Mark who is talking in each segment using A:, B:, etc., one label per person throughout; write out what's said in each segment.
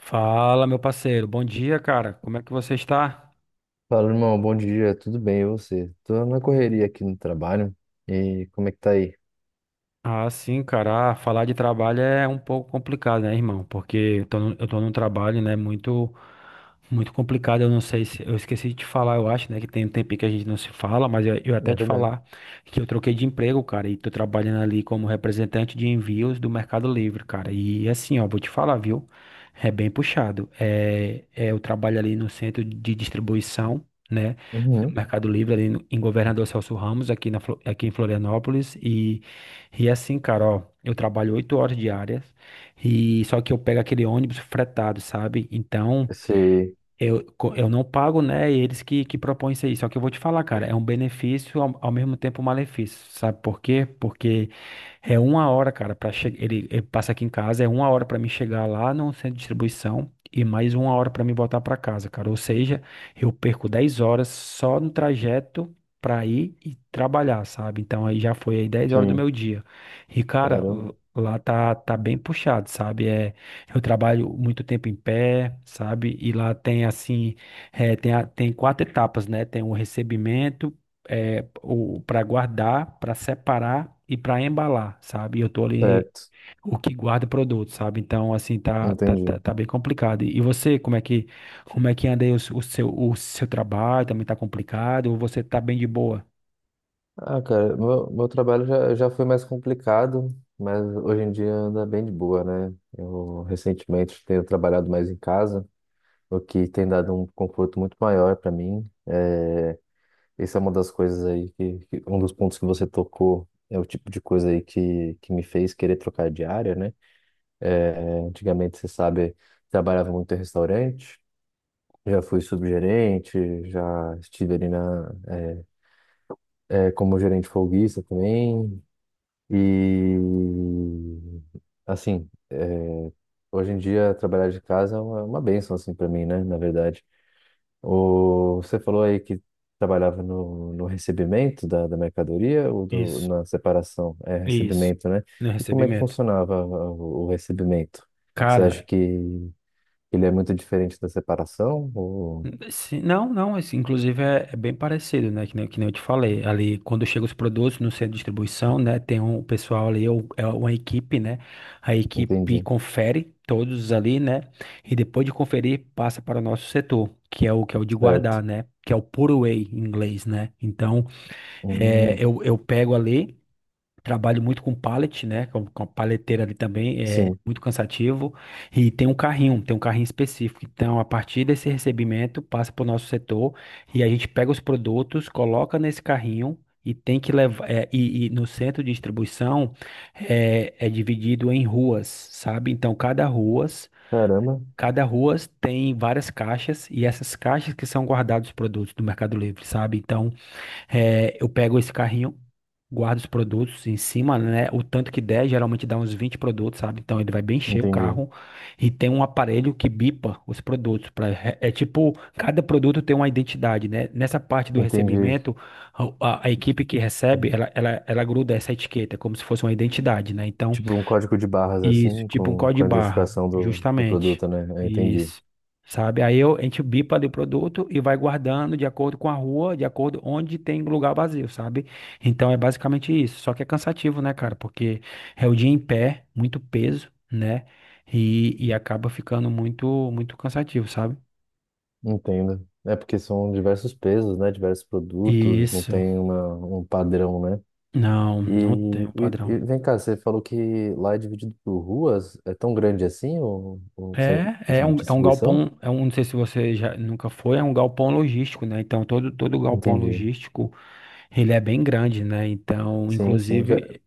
A: Fala, meu parceiro. Bom dia, cara. Como é que você está?
B: Fala, irmão, bom dia, tudo bem, e você? Tô na correria aqui no trabalho, e como é que tá aí?
A: Ah, sim, cara. Ah, falar de trabalho é um pouco complicado, né, irmão? Porque eu tô num trabalho, né, muito, muito complicado. Eu não sei se. Eu esqueci de te falar, eu acho, né, que tem um tempinho que a gente não se fala, mas eu até
B: É
A: te
B: verdade.
A: falar que eu troquei de emprego, cara, e tô trabalhando ali como representante de envios do Mercado Livre, cara. E assim, ó, vou te falar, viu? É bem puxado. Eu trabalho ali no centro de distribuição, né? No
B: Uhum.
A: Mercado Livre, ali no- em Governador Celso Ramos, aqui em Florianópolis. E é assim, cara, ó, eu trabalho 8 horas diárias, e só que eu pego aquele ônibus fretado, sabe? Então,
B: Sei,
A: eu não pago, né? E eles que propõem isso aí. Só que eu vou te falar, cara, é um benefício, ao mesmo tempo um malefício. Sabe por quê? Porque é uma hora, cara, para chegar. Ele passa aqui em casa, é uma hora para mim chegar lá no centro de distribuição e mais uma hora para mim voltar para casa, cara. Ou seja, eu perco 10 horas só no trajeto para ir e trabalhar, sabe? Então aí já foi aí 10 horas do
B: sim,
A: meu dia. E, cara,
B: caramba.
A: lá tá bem puxado, sabe? É, eu trabalho muito tempo em pé, sabe? E lá tem assim, tem quatro etapas, né? Tem o recebimento, o para guardar, para separar e para embalar, sabe? E eu tô ali
B: Certo,
A: o que guarda o produto, sabe? Então assim, tá tá, tá,
B: entendi.
A: tá bem complicado. E você, como é que anda aí o seu trabalho? Também tá complicado ou você tá bem de boa?
B: Ah, cara, meu trabalho já foi mais complicado, mas hoje em dia anda bem de boa, né? Eu recentemente tenho trabalhado mais em casa, o que tem dado um conforto muito maior para mim. Essa é uma das coisas aí um dos pontos que você tocou é o tipo de coisa aí que me fez querer trocar de área, né? É, antigamente, você sabe, trabalhava muito em restaurante, já fui subgerente, já estive ali como gerente folguista também. E, assim, é, hoje em dia trabalhar de casa é é uma bênção, assim, para mim, né? Na verdade. O, você falou aí que trabalhava no recebimento da mercadoria ou do,
A: Isso,
B: na separação? É
A: isso.
B: recebimento, né?
A: No
B: E como é que
A: recebimento.
B: funcionava o recebimento? Você acha
A: Cara,
B: que ele é muito diferente da separação? Ou...
A: sim, não, não, assim, inclusive é bem parecido, né? Que nem eu te falei. Ali, quando chegam os produtos no centro de distribuição, né? Tem um pessoal ali, é uma equipe, né? A equipe
B: Entendi.
A: confere todos ali, né? E depois de conferir, passa para o nosso setor, que é o de
B: Certo.
A: guardar, né? Que é o put away em inglês, né? Então, é,
B: Hum,
A: eu, eu pego ali. Trabalho muito com pallet, né? Com a paleteira ali também, é
B: sim.
A: muito cansativo. E tem um carrinho específico. Então, a partir desse recebimento, passa para o nosso setor e a gente pega os produtos, coloca nesse carrinho e tem que levar. E no centro de distribuição é dividido em ruas, sabe? Então, cada ruas,
B: Caramba.
A: cada ruas tem várias caixas e essas caixas que são guardados os produtos do Mercado Livre, sabe? Então, eu pego esse carrinho, guardo os produtos em cima, né? O tanto que der, geralmente dá uns 20 produtos, sabe? Então ele vai bem cheio o
B: Entendi.
A: carro e tem um aparelho que bipa os produtos. Pra, é tipo, cada produto tem uma identidade, né? Nessa parte do
B: Entendi.
A: recebimento, a, a equipe que recebe, ela gruda essa etiqueta, como se fosse uma identidade, né? Então
B: Tipo um código de barras
A: isso,
B: assim,
A: tipo um código
B: com a
A: barra,
B: identificação do
A: justamente.
B: produto, né? Eu entendi.
A: Isso. Sabe? Aí eu, a gente bipa ali o produto e vai guardando de acordo com a rua, de acordo onde tem lugar vazio, sabe? Então é basicamente isso. Só que é cansativo, né, cara? Porque é o dia em pé, muito peso, né? E acaba ficando muito, muito cansativo, sabe?
B: Entendo. É porque são diversos pesos, né? Diversos produtos, não
A: Isso.
B: tem um padrão, né?
A: Não,
B: E,
A: não tem um
B: e,
A: padrão.
B: e vem cá, você falou que lá é dividido por ruas, é tão grande assim o centro de
A: É um
B: distribuição?
A: galpão, não sei se você já nunca foi, é um galpão logístico, né? Então todo galpão
B: Entendi.
A: logístico ele é bem grande, né? Então,
B: Sim, sim. Já,
A: inclusive,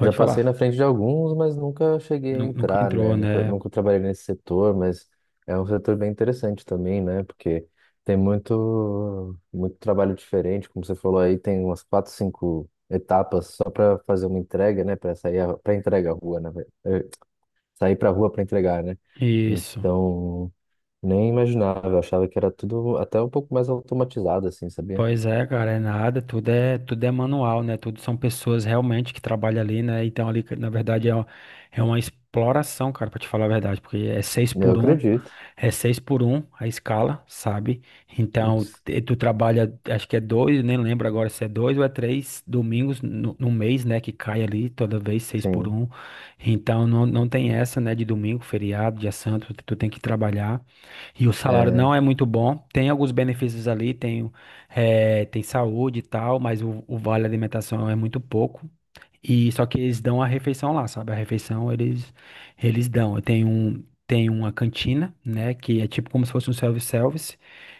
B: já passei na
A: falar,
B: frente de alguns, mas nunca cheguei a
A: nunca
B: entrar, né?
A: entrou,
B: Nunca,
A: né?
B: nunca trabalhei nesse setor, mas é um setor bem interessante também, né? Porque tem muito, muito trabalho diferente, como você falou aí, tem umas quatro, cinco etapas só para fazer uma entrega, né? Para sair para entrega à rua, né? Sair para a rua para entregar, né?
A: Isso.
B: Então, nem imaginava, eu achava que era tudo até um pouco mais automatizado, assim, sabia?
A: Pois é, cara, é nada, tudo é manual, né? Tudo são pessoas realmente que trabalham ali, né? Então ali, na verdade, é uma exploração, cara, pra te falar a verdade, porque
B: Eu acredito.
A: é seis por um a escala, sabe? Então,
B: Putz,
A: tu trabalha, acho que é dois, nem lembro agora se é dois ou é três domingos no mês, né? Que cai ali toda vez seis por
B: sim.
A: um. Então, não, não tem essa, né? De domingo, feriado, dia santo, tu tem que trabalhar. E o salário
B: É.
A: não é muito bom. Tem alguns benefícios ali, tem saúde e tal, mas o vale alimentação é muito pouco. E só que eles dão a refeição lá, sabe? A refeição eles dão. Tem uma cantina, né, que é tipo como se fosse um self-service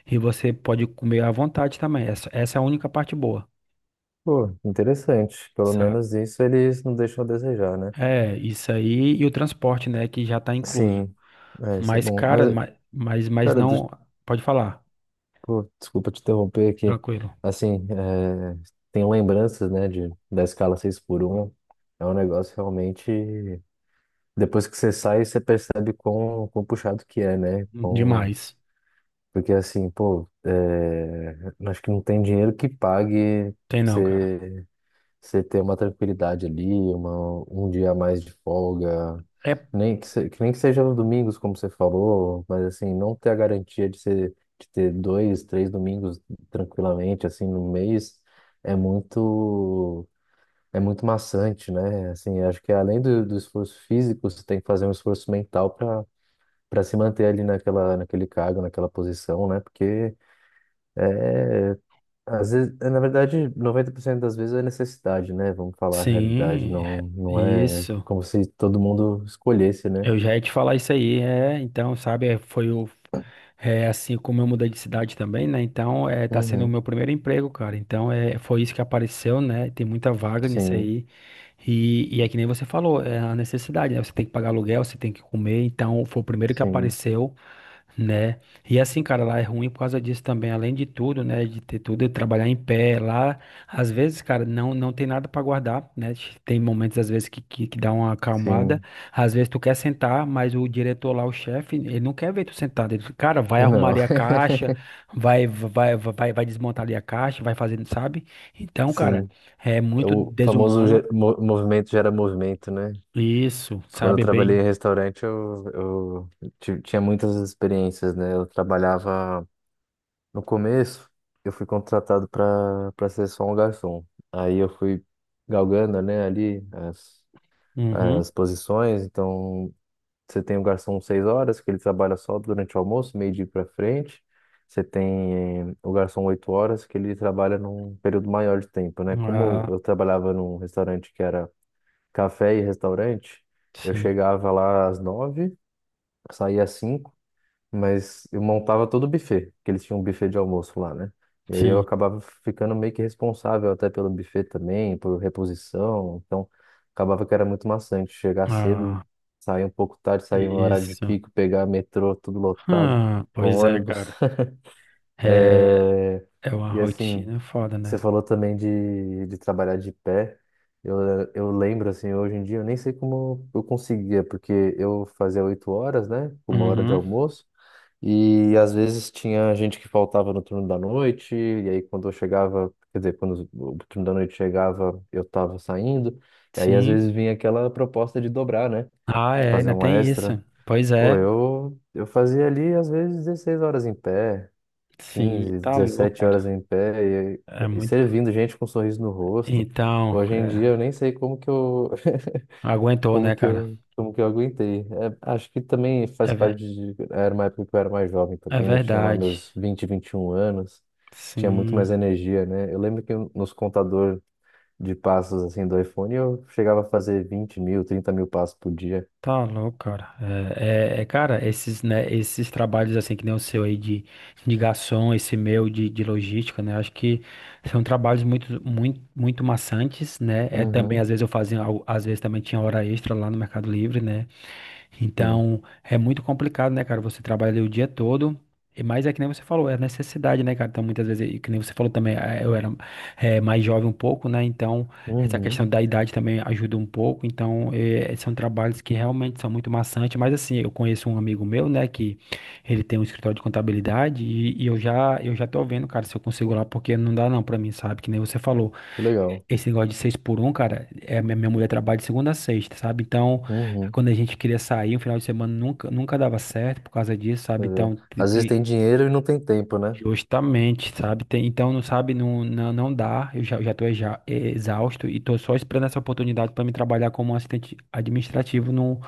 A: e você pode comer à vontade também. Essa é a única parte boa,
B: Pô, interessante. Pelo
A: sabe?
B: menos isso eles não deixam a desejar, né?
A: É, isso aí e o transporte, né, que já tá incluso.
B: Sim, é, isso é
A: Mas
B: bom.
A: cara,
B: Mas, cara,
A: não, pode falar.
B: pô, desculpa te interromper aqui.
A: Tranquilo.
B: Assim, é, tem lembranças, né, de, da escala 6 por um. É um negócio realmente. Depois que você sai, você percebe quão, quão puxado que é, né? Quão...
A: Demais.
B: Porque, assim, pô, é, acho que não tem dinheiro que pague.
A: Tem não, cara.
B: Você Você ter uma tranquilidade ali, uma, um dia a mais de folga,
A: É,
B: nem que, que nem que seja nos domingos, como você falou, mas assim, não ter a garantia de, ser, de ter dois, três domingos tranquilamente, assim, no mês, é muito, é muito maçante, né? Assim, acho que além do esforço físico, você tem que fazer um esforço mental para se manter ali naquela, naquele cargo, naquela posição, né? Porque às vezes, na verdade, 90% das vezes é necessidade, né? Vamos falar a realidade.
A: sim,
B: Não, não é
A: isso.
B: como se todo mundo escolhesse, né?
A: Eu já ia te falar isso aí, é, então, sabe, é, foi o, é, assim, como eu mudei de cidade também, né, então, é, tá sendo o
B: Uhum.
A: meu primeiro emprego, cara, então, é, foi isso que apareceu, né, tem muita vaga nisso
B: Sim,
A: aí, e é que nem você falou, é a necessidade, né, você tem que pagar aluguel, você tem que comer, então, foi o primeiro que
B: sim,
A: apareceu. Né? E assim, cara, lá é ruim por causa disso também, além de tudo, né, de ter tudo, de trabalhar em pé lá, às vezes, cara, não tem nada para guardar, né? Tem momentos às vezes que dá uma acalmada,
B: sim.
A: às vezes tu quer sentar, mas o diretor lá, o chefe, ele não quer ver tu sentado, ele, cara, vai arrumar
B: Não,
A: ali a caixa, vai desmontar ali a caixa, vai fazendo, sabe? Então, cara,
B: sim.
A: é
B: É
A: muito
B: o famoso
A: desumano.
B: movimento gera movimento, né?
A: Isso,
B: Quando eu
A: sabe
B: trabalhei
A: bem.
B: em restaurante, eu tinha muitas experiências, né? Eu trabalhava no começo, eu fui contratado para ser só um garçom. Aí eu fui galgando, né, ali
A: Uhum.
B: as posições. Então, você tem o garçom 6 horas, que ele trabalha só durante o almoço, meio-dia para frente. Você tem o garçom 8 horas, que ele trabalha num período maior de tempo, né? Como
A: Ah,
B: eu trabalhava num restaurante que era café e restaurante, eu
A: sim,
B: chegava lá às nove, saía às cinco, mas eu montava todo o buffet, porque eles tinham um buffet de almoço lá, né? E aí eu
A: sim.
B: acabava ficando meio que responsável até pelo buffet também, por reposição. Então, acabava que era muito maçante chegar cedo,
A: Ah,
B: sair um pouco tarde, sair no horário de
A: isso.
B: pico, pegar metrô, tudo lotado, no
A: Pois é,
B: ônibus.
A: cara. É,
B: É.
A: é uma
B: E assim,
A: rotina foda,
B: você
A: né?
B: falou também de trabalhar de pé. Eu, eu lembro, assim, hoje em dia, eu nem sei como eu conseguia, porque eu fazia 8 horas, né? Uma hora de
A: Uhum,
B: almoço. E às vezes tinha gente que faltava no turno da noite, e aí quando eu chegava, quer dizer, quando o turno da noite chegava, eu tava saindo, e aí às
A: sim.
B: vezes vinha aquela proposta de dobrar, né?
A: Ah, é,
B: Fazer
A: ainda
B: uma
A: tem
B: extra.
A: isso. Pois
B: Pô,
A: é,
B: eu fazia ali às vezes 16 horas em pé,
A: sim,
B: 15
A: tá louco,
B: 17
A: cara.
B: horas em pé,
A: É
B: e
A: muito.
B: servindo gente com um sorriso no rosto.
A: Então,
B: Hoje em dia
A: é,
B: eu nem sei
A: aguentou, né, cara?
B: como que eu aguentei? É, acho que também faz
A: É,
B: parte de. Era uma época que eu era mais jovem
A: é
B: também, eu tinha lá
A: verdade.
B: meus 20 21 anos, tinha muito mais
A: Sim.
B: energia, né? Eu lembro que nos contador de passos assim do iPhone eu chegava a fazer 20.000, 30.000 passos por dia.
A: Tá louco, cara. Cara, esses, né, esses trabalhos assim que nem o seu aí de garçom, esse meu de logística, né? Acho que são trabalhos muito, muito, muito maçantes, né? É também às
B: Uhum,
A: vezes eu fazia, às vezes também tinha hora extra lá no Mercado Livre, né?
B: sim.
A: Então, é muito complicado, né, cara? Você trabalha o dia todo. E mais é que nem você falou, é necessidade, né, cara? Então, muitas vezes, e que nem você falou também, eu era mais jovem um pouco, né? Então, essa questão
B: Uhum,
A: da idade também ajuda um pouco. Então, são trabalhos que realmente são muito maçantes. Mas, assim, eu conheço um amigo meu, né, que ele tem um escritório de contabilidade e eu já tô vendo, cara, se eu consigo lá, porque não dá não pra mim, sabe? Que nem você falou.
B: que legal.
A: Esse negócio de seis por um, cara, é, minha mulher trabalha de segunda a sexta, sabe? Então,
B: Uhum,
A: quando a gente queria sair, um final de semana nunca, nunca dava certo por causa disso, sabe?
B: pois é.
A: Então,
B: Às vezes tem dinheiro e não tem tempo, né?
A: justamente, sabe? Então, não sabe, não, não, não dá. Eu já tô exausto e tô só esperando essa oportunidade para me trabalhar como assistente administrativo no,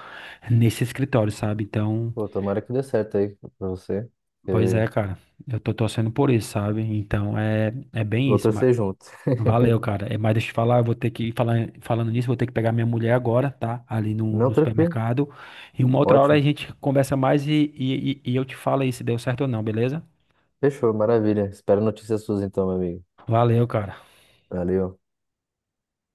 A: nesse escritório, sabe? Então,
B: Pô, tomara que dê certo aí pra você.
A: pois é,
B: E
A: cara, eu tô torcendo por isso, sabe? Então, é bem
B: vou
A: isso.
B: torcer junto.
A: Valeu, cara. É, mas deixa eu te falar, eu vou ter que falar, falando nisso, vou ter que pegar minha mulher agora, tá? Ali
B: Não,
A: no
B: tranquilo,
A: supermercado. E uma outra hora a
B: ótimo.
A: gente conversa mais e eu te falo aí se deu certo ou não, beleza?
B: Fechou, maravilha. Espero notícias suas então, meu amigo.
A: Valeu, cara.
B: Valeu.